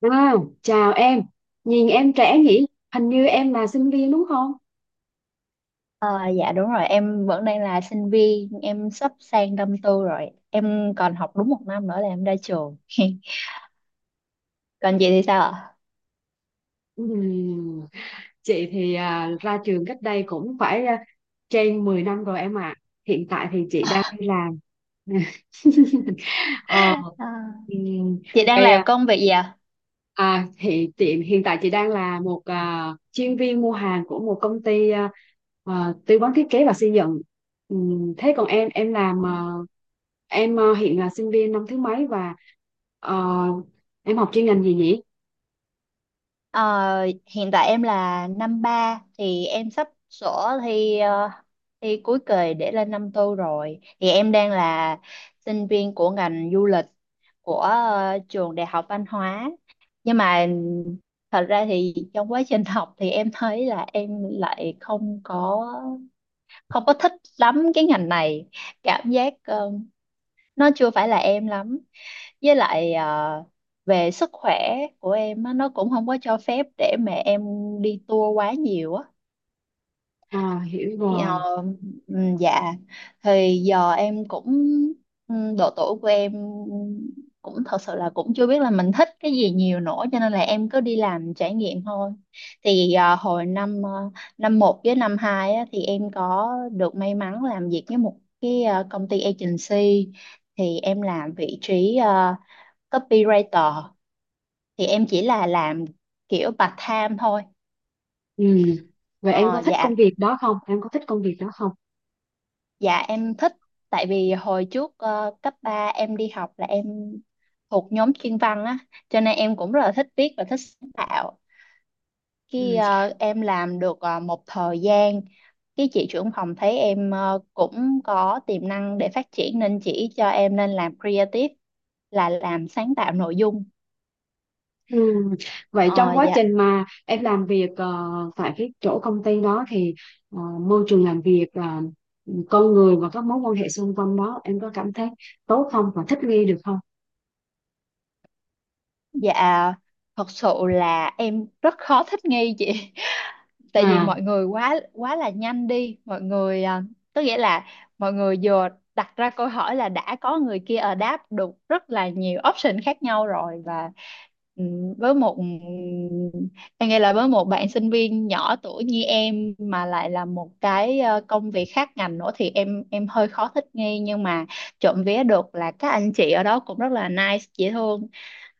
Wow, chào em. Nhìn em trẻ nhỉ? Hình như em là sinh viên đúng không? Ờ, dạ đúng rồi, em vẫn đang là sinh viên, em sắp sang năm tư rồi. Em còn học đúng một năm nữa là em ra trường. Còn chị thì sao ạ? Ừm, Chị thì ra trường cách đây cũng phải trên 10 năm rồi em ạ. Hiện tại thì chị đang đi làm. Ờ, Ờ, ừm, chị đang vậy làm công việc gì ạ? À thì tiệm hiện tại chị đang là một chuyên viên mua hàng của một công ty tư vấn thiết kế và xây dựng. Thế còn em Ờ. làm hiện là sinh viên năm thứ mấy và ờ, em học chuyên ngành gì nhỉ? Ờ, hiện tại em là năm ba thì em sắp sổ thi thi cuối kỳ để lên năm tư rồi. Thì em đang là sinh viên của ngành du lịch của trường Đại học Văn hóa, nhưng mà thật ra thì trong quá trình học thì em thấy là em lại không có thích lắm cái ngành này. Cảm giác nó chưa phải là em lắm, với lại về sức khỏe của em á, nó cũng không có cho phép để mà em đi tour quá nhiều á À, hiểu thì, rồi. Dạ, thì giờ em cũng, độ tuổi của em cũng thật sự là cũng chưa biết là mình thích cái gì nhiều nữa, cho nên là em cứ đi làm trải nghiệm thôi. Thì hồi năm năm một với năm hai á, thì em có được may mắn làm việc với một cái công ty agency. Thì em làm vị trí copywriter, thì em chỉ là làm kiểu part time thôi. Ừm. Vậy em Ờ, có thích công dạ. việc đó không? Dạ em thích, tại vì hồi trước cấp 3 em đi học là em thuộc nhóm chuyên văn á, cho nên em cũng rất là thích viết và thích sáng tạo. Ừ. Khi em làm được một thời gian, cái chị trưởng phòng thấy em cũng có tiềm năng để phát triển nên chỉ cho em nên làm creative, là làm sáng tạo nội dung. Ừ. Vậy Ờ, trong quá dạ. trình mà em làm việc tại cái chỗ công ty đó thì ờ, môi trường làm việc là con người và các mối quan hệ xung quanh đó em có cảm thấy tốt không và thích nghi được không? Dạ, thật sự là em rất khó thích nghi chị. Tại vì À, mọi người quá quá là nhanh đi mọi người à, tức nghĩa là mọi người vừa đặt ra câu hỏi là đã có người kia ở đáp được rất là nhiều option khác nhau rồi. Và với một em nghĩ là với một bạn sinh viên nhỏ tuổi như em mà lại là một cái công việc khác ngành nữa thì em hơi khó thích nghi. Nhưng mà trộm vía được là các anh chị ở đó cũng rất là nice, dễ thương,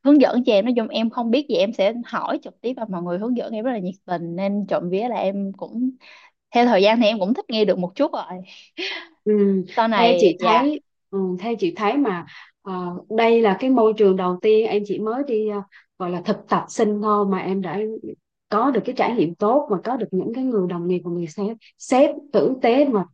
hướng dẫn cho em. Nói chung em không biết gì em sẽ hỏi trực tiếp và mọi người hướng dẫn em rất là nhiệt tình, nên trộm vía là em cũng theo thời gian thì em cũng thích nghi được một chút rồi ừ. sau Theo này. chị Dạ. thấy, theo chị thấy mà ờ, đây là cái môi trường đầu tiên em chỉ mới đi gọi là thực tập sinh thôi mà em đã có được cái trải nghiệm tốt và có được những cái người đồng nghiệp và người sếp sếp tử tế, và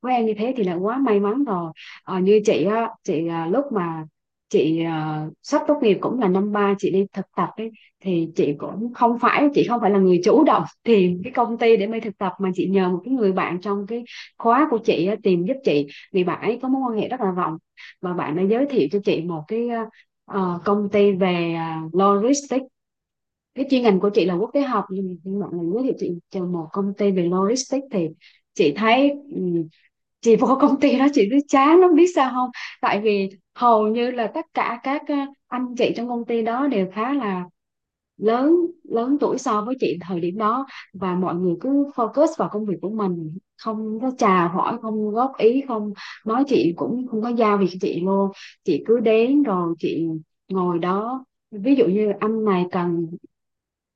với em như thế thì là quá may mắn rồi. Ờ, như chị á, lúc mà sắp tốt nghiệp cũng là năm ba chị đi thực tập ấy, thì chị cũng không phải, là người chủ động tìm cái công ty để mới thực tập, mà chị nhờ một cái người bạn trong cái khóa của chị á, tìm giúp chị, vì bạn ấy có mối quan hệ rất là rộng, và bạn đã giới thiệu cho chị một cái công ty về logistics. Cái chuyên ngành của chị là quốc tế học nhưng mà bạn này giới thiệu chị cho một công ty về logistics, thì chị Ừ. thấy ừm, chị vô công ty đó chị cứ chán lắm, biết sao không? Tại vì hầu như là tất cả các anh chị trong công ty đó đều khá là lớn, lớn tuổi so với chị thời điểm đó, và mọi người cứ focus vào công việc của mình, không có chào hỏi, không góp ý, không nói, chị cũng không có giao việc cho chị luôn. Chị cứ đến rồi chị ngồi đó, ví dụ như anh này cần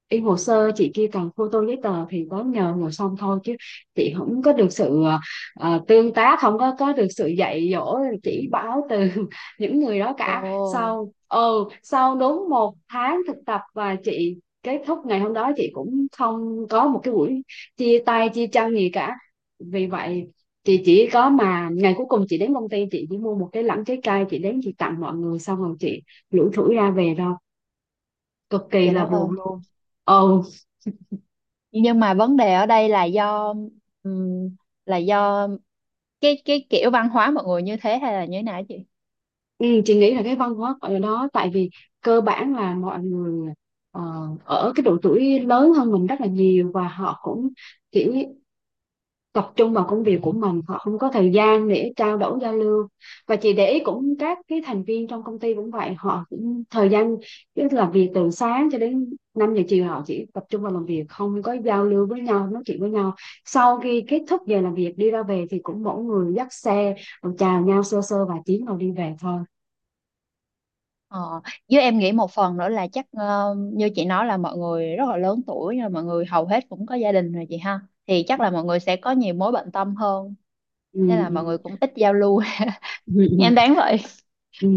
in hồ sơ, chị kia cần photo giấy tờ thì có nhờ, ngồi xong thôi, chứ chị không có được sự tương tác, không có được sự dạy dỗ chỉ bảo từ những người đó Ồ. cả. Sau sau đúng 1 tháng thực tập, và chị kết thúc ngày hôm đó, chị cũng không có một cái buổi chia tay chia chân gì cả. Vì vậy, chị chỉ có mà ngày cuối cùng chị đến công ty, chị chỉ mua một cái lẵng trái cây, chị đến chị tặng mọi người xong rồi chị lủi thủi ra về thôi. Cực kỳ Trời là đất buồn ơi. luôn. Ừ. Nhưng mà vấn đề ở đây là do, ừm, là do cái kiểu văn hóa mọi người như thế hay là như thế nào á chị? Ừ, chị nghĩ là cái văn hóa ở đó, tại vì cơ bản là mọi người ờ, ở cái độ tuổi lớn hơn mình rất là nhiều, và họ cũng chỉ tập trung vào công việc của mình, họ không có thời gian để trao đổi giao lưu. Và chị để ý cũng các cái thành viên trong công ty cũng vậy, họ cũng thời gian, tức là việc từ sáng cho đến 5 giờ chiều họ chỉ tập trung vào làm việc, không có giao lưu với nhau nói chuyện với nhau. Sau khi kết thúc giờ làm việc đi ra về thì cũng mỗi người dắt xe rồi chào nhau sơ sơ vài tiếng rồi đi về thôi. Ờ, với em nghĩ một phần nữa là chắc như chị nói là mọi người rất là lớn tuổi rồi, mọi người hầu hết cũng có gia đình rồi chị ha, thì chắc là mọi người sẽ có nhiều mối bận tâm hơn, Ừ. nên là Ừ. mọi người cũng ít giao lưu. Ừ, ừ, Em đáng vậy. ừ.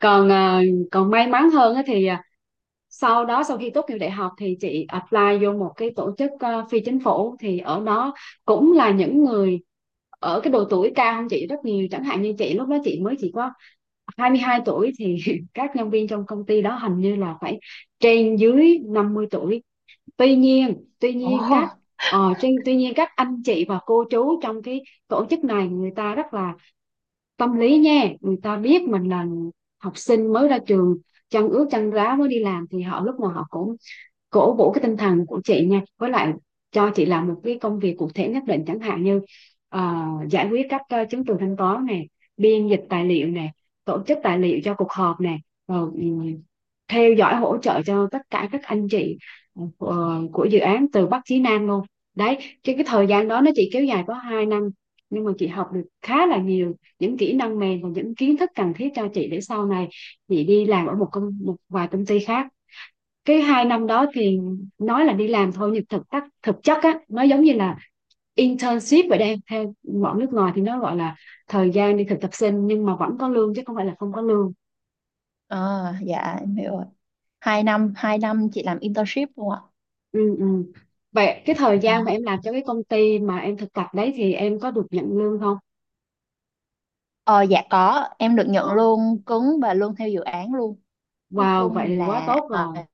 Còn còn may mắn hơn á thì sau đó, sau khi tốt nghiệp đại học thì chị apply vô một cái tổ chức phi chính phủ, thì ở đó cũng là những người ở cái độ tuổi cao hơn chị rất nhiều. Chẳng hạn như chị lúc đó chị mới chỉ có 22 tuổi thì các nhân viên trong công ty đó hình như là phải trên dưới 50 tuổi. Tuy nhiên, Ồ. Tuy nhiên các anh chị và cô chú trong cái tổ chức này người ta rất là tâm lý nha. Người ta biết mình là học sinh mới ra trường, chân ướt chân ráo mới đi làm, thì họ lúc nào họ cũng cổ vũ cái tinh thần của chị nha. Với lại, cho chị làm một cái công việc cụ thể nhất định, chẳng hạn như ờ, giải quyết các chứng từ thanh toán này, biên dịch tài liệu này, tổ chức tài liệu cho cuộc họp này, rồi theo dõi hỗ trợ cho tất cả các anh chị của dự án từ Bắc chí Nam luôn. Đấy, cái thời gian đó nó chỉ kéo dài có 2 năm, nhưng mà chị học được khá là nhiều những kỹ năng mềm và những kiến thức cần thiết cho chị, để sau này chị đi làm ở một công, một vài công ty khác. Cái 2 năm đó thì nói là đi làm thôi, nhưng thực chất á nó giống như là internship vậy. Đây theo bọn nước ngoài thì nó gọi là thời gian đi thực tập sinh, nhưng mà vẫn có lương chứ không phải là không có lương. Ờ, dạ em hiểu rồi. Hai năm chị làm internship luôn ạ. Ừ, ừ. Vậy cái thời Ờ, gian mà em làm cho cái công ty mà em thực tập đấy thì em có được nhận lương không? Ờ, dạ có, em được nhận Ừ. lương cứng và lương theo dự án luôn. Nói Wow, chung vậy thì quá là tốt rồi.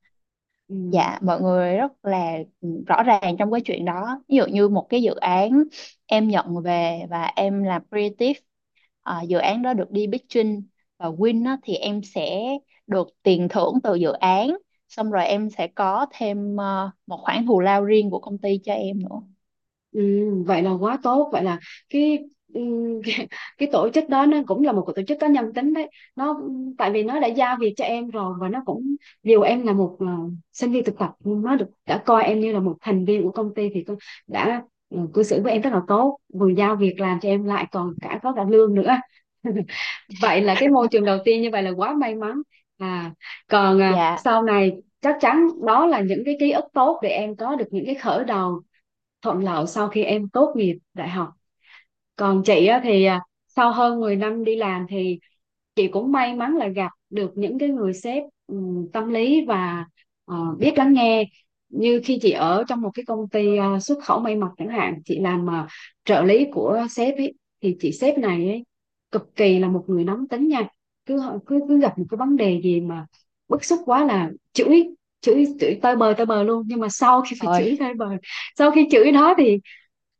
Ừ. dạ mọi người rất là ừ, rõ ràng trong cái chuyện đó. Ví dụ như một cái dự án em nhận về và em làm creative, à, dự án đó được đi pitching và win á, thì em sẽ được tiền thưởng từ dự án, xong rồi em sẽ có thêm một khoản thù lao riêng của công ty cho em nữa. Ừ, vậy là quá tốt. Vậy là cái, ừ, cái, cái tổ chức đó nó cũng là một cái tổ chức có nhân tính đấy. Nó, tại vì nó đã giao việc cho em rồi, và nó cũng, dù em là một sinh viên thực tập, nhưng nó được đã coi em như là một thành viên của công ty, thì tôi đã, cư xử với em rất là tốt, vừa giao việc làm cho em lại còn có cả lương nữa. Vậy là cái môi trường đầu tiên như vậy là quá may mắn. À, còn Dạ, sau này chắc chắn đó là những cái ký ức tốt để em có được những cái khởi đầu thuận lợi sau khi em tốt nghiệp đại học. Còn chị á, thì sau hơn 10 năm đi làm thì chị cũng may mắn là gặp được những cái người sếp tâm lý và biết lắng nghe. Như khi chị ở trong một cái công ty xuất khẩu may mặc chẳng hạn, chị làm trợ lý của sếp ấy, thì chị sếp này ấy, cực kỳ là một người nóng tính nha. Cứ ờ, cứ cứ gặp một cái vấn đề gì mà bức xúc quá là chửi, chửi tơi bời, tơi bời luôn. Nhưng mà sau khi phải rồi. chửi tơi bời, sau khi chửi đó thì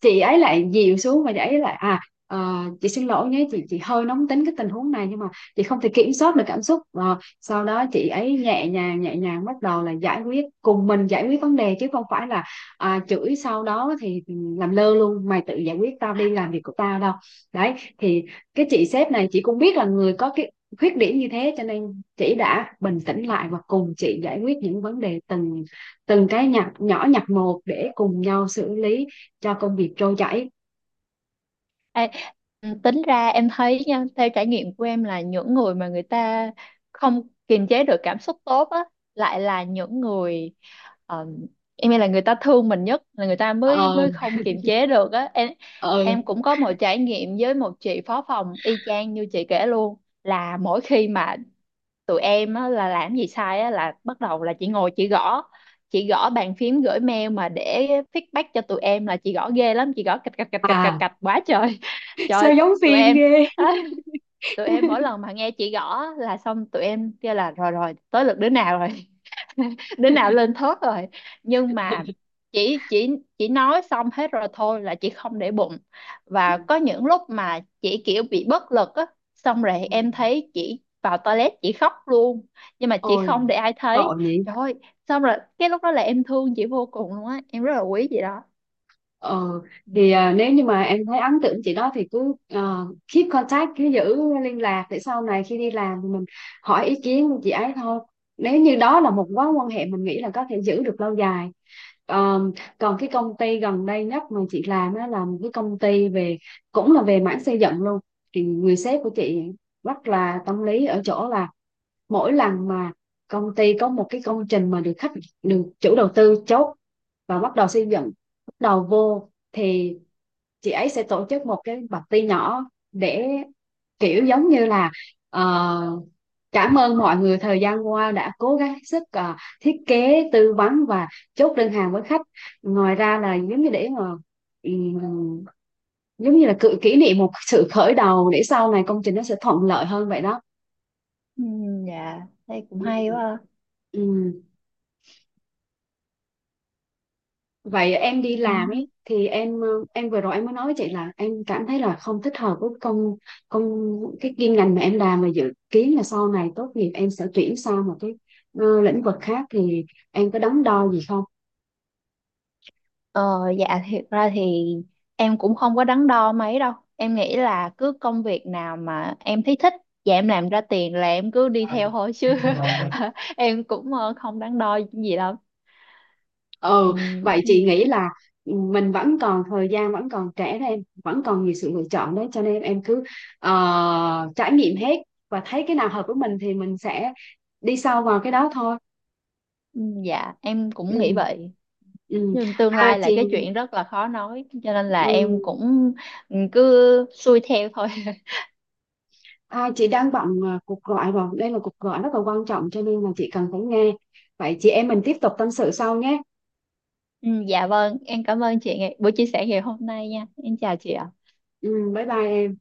chị ấy lại dịu xuống, và chị ấy lại chị xin lỗi nhé, chị hơi nóng tính cái tình huống này nhưng mà chị không thể kiểm soát được cảm xúc. Ờ, sau đó chị ấy nhẹ nhàng, nhẹ nhàng bắt đầu là giải quyết cùng mình, giải quyết vấn đề, chứ không phải là chửi sau đó thì làm lơ luôn, mày tự giải quyết, tao đi làm việc của tao đâu. Đấy thì cái chị sếp này chị cũng biết là người có cái khuyết điểm như thế, cho nên chị đã bình tĩnh lại và cùng chị giải quyết những vấn đề từng từng cái nhặt nhỏ, nhặt một để cùng nhau xử lý cho công việc trôi chảy. Ê, ừ, tính ra em thấy nha, theo trải nghiệm của em là những người mà người ta không kiềm chế được cảm xúc tốt á, lại là những người, ờ, em nghĩ là người ta thương mình nhất là người ta mới Ờ. mới không kiềm chế được á em. Ờ. Em cũng có một trải nghiệm với một chị phó phòng y chang như chị kể luôn. Là mỗi khi mà tụi em á, là làm gì sai á, là bắt đầu là chị ngồi chị gõ, chị gõ bàn phím gửi mail mà để feedback cho tụi em là chị gõ ghê lắm, chị gõ cạch cạch cạch cạch cạch À, cạch quá trời. Trời sao ơi, giống tụi phim em. ghê. Tụi em mỗi lần mà nghe chị gõ là xong tụi em kêu là rồi rồi, tới lượt đứa nào rồi. Đứa nào lên thớt rồi. Nhưng mà chỉ chỉ chỉ nói xong hết rồi thôi là chị không để bụng. Và có những lúc mà chị kiểu bị bất lực á, xong rồi Ừ. em thấy chị vào toilet chị khóc luôn, nhưng mà chị Ôi, không để ai tội thấy. nhỉ. Trời ơi. Xong rồi cái lúc đó là em thương chị vô cùng luôn á, em rất là quý chị đó. Ờ, Ừ. thì nếu như mà em thấy ấn tượng chị đó thì cứ keep contact, cứ giữ liên lạc, để sau này khi đi làm thì mình hỏi ý kiến của chị ấy thôi, nếu như đó là một mối quan hệ mình nghĩ là có thể giữ được lâu dài. Ờ, còn cái công ty gần đây nhất mà chị làm đó là một cái công ty về, cũng là về mảng xây dựng luôn, thì người sếp của chị rất là tâm lý ở chỗ là mỗi lần mà công ty có một cái công trình mà được khách, được chủ đầu tư chốt và bắt đầu xây dựng, bắt đầu vô thì chị ấy sẽ tổ chức một cái party nhỏ, để kiểu giống như là ờ, cảm ơn mọi người thời gian qua đã cố gắng hết sức thiết kế tư vấn và chốt đơn hàng với khách. Ngoài ra là giống như để mà ừm, giống như là cự kỷ niệm một sự khởi đầu để sau này công trình nó sẽ thuận lợi hơn vậy đó. Ừ, dạ, đây cũng Ừm. hay quá ha. Ừ. Vậy em đi Ừ. làm ấy thì em, em vừa rồi em mới nói với chị là em cảm thấy là không thích hợp với công công cái chuyên ngành mà em làm, và dự kiến là sau này tốt nghiệp em sẽ chuyển sang một cái lĩnh vực khác, thì em có đắn đo gì không? Ờ, dạ thiệt ra thì em cũng không có đắn đo mấy đâu. Em nghĩ là cứ công việc nào mà em thấy thích và em làm ra tiền là em cứ đi theo thôi chứ, em cũng không đắn đo gì đâu. Ừ, Ừ, vậy ừ, chị nghĩ là mình vẫn còn thời gian, vẫn còn trẻ đó em, vẫn còn nhiều sự lựa chọn đấy, cho nên em cứ trải nghiệm hết và thấy cái nào hợp với mình thì mình sẽ đi sâu vào cái đó thôi. ừ, dạ em cũng nghĩ Ừ. vậy. Ừ. Nhưng tương À lai chị là cái chuyện rất là khó nói, cho nên là em ừ. cũng, ừ, cứ xuôi theo thôi. À, chị đang bận cuộc gọi rồi. Đây là cuộc gọi rất là quan trọng cho nên là chị cần phải nghe. Vậy chị em mình tiếp tục tâm sự sau nhé. Ừ, dạ vâng, em cảm ơn chị ngày- buổi chia sẻ ngày hôm nay nha. Em chào chị ạ. Ừ, bye bye em.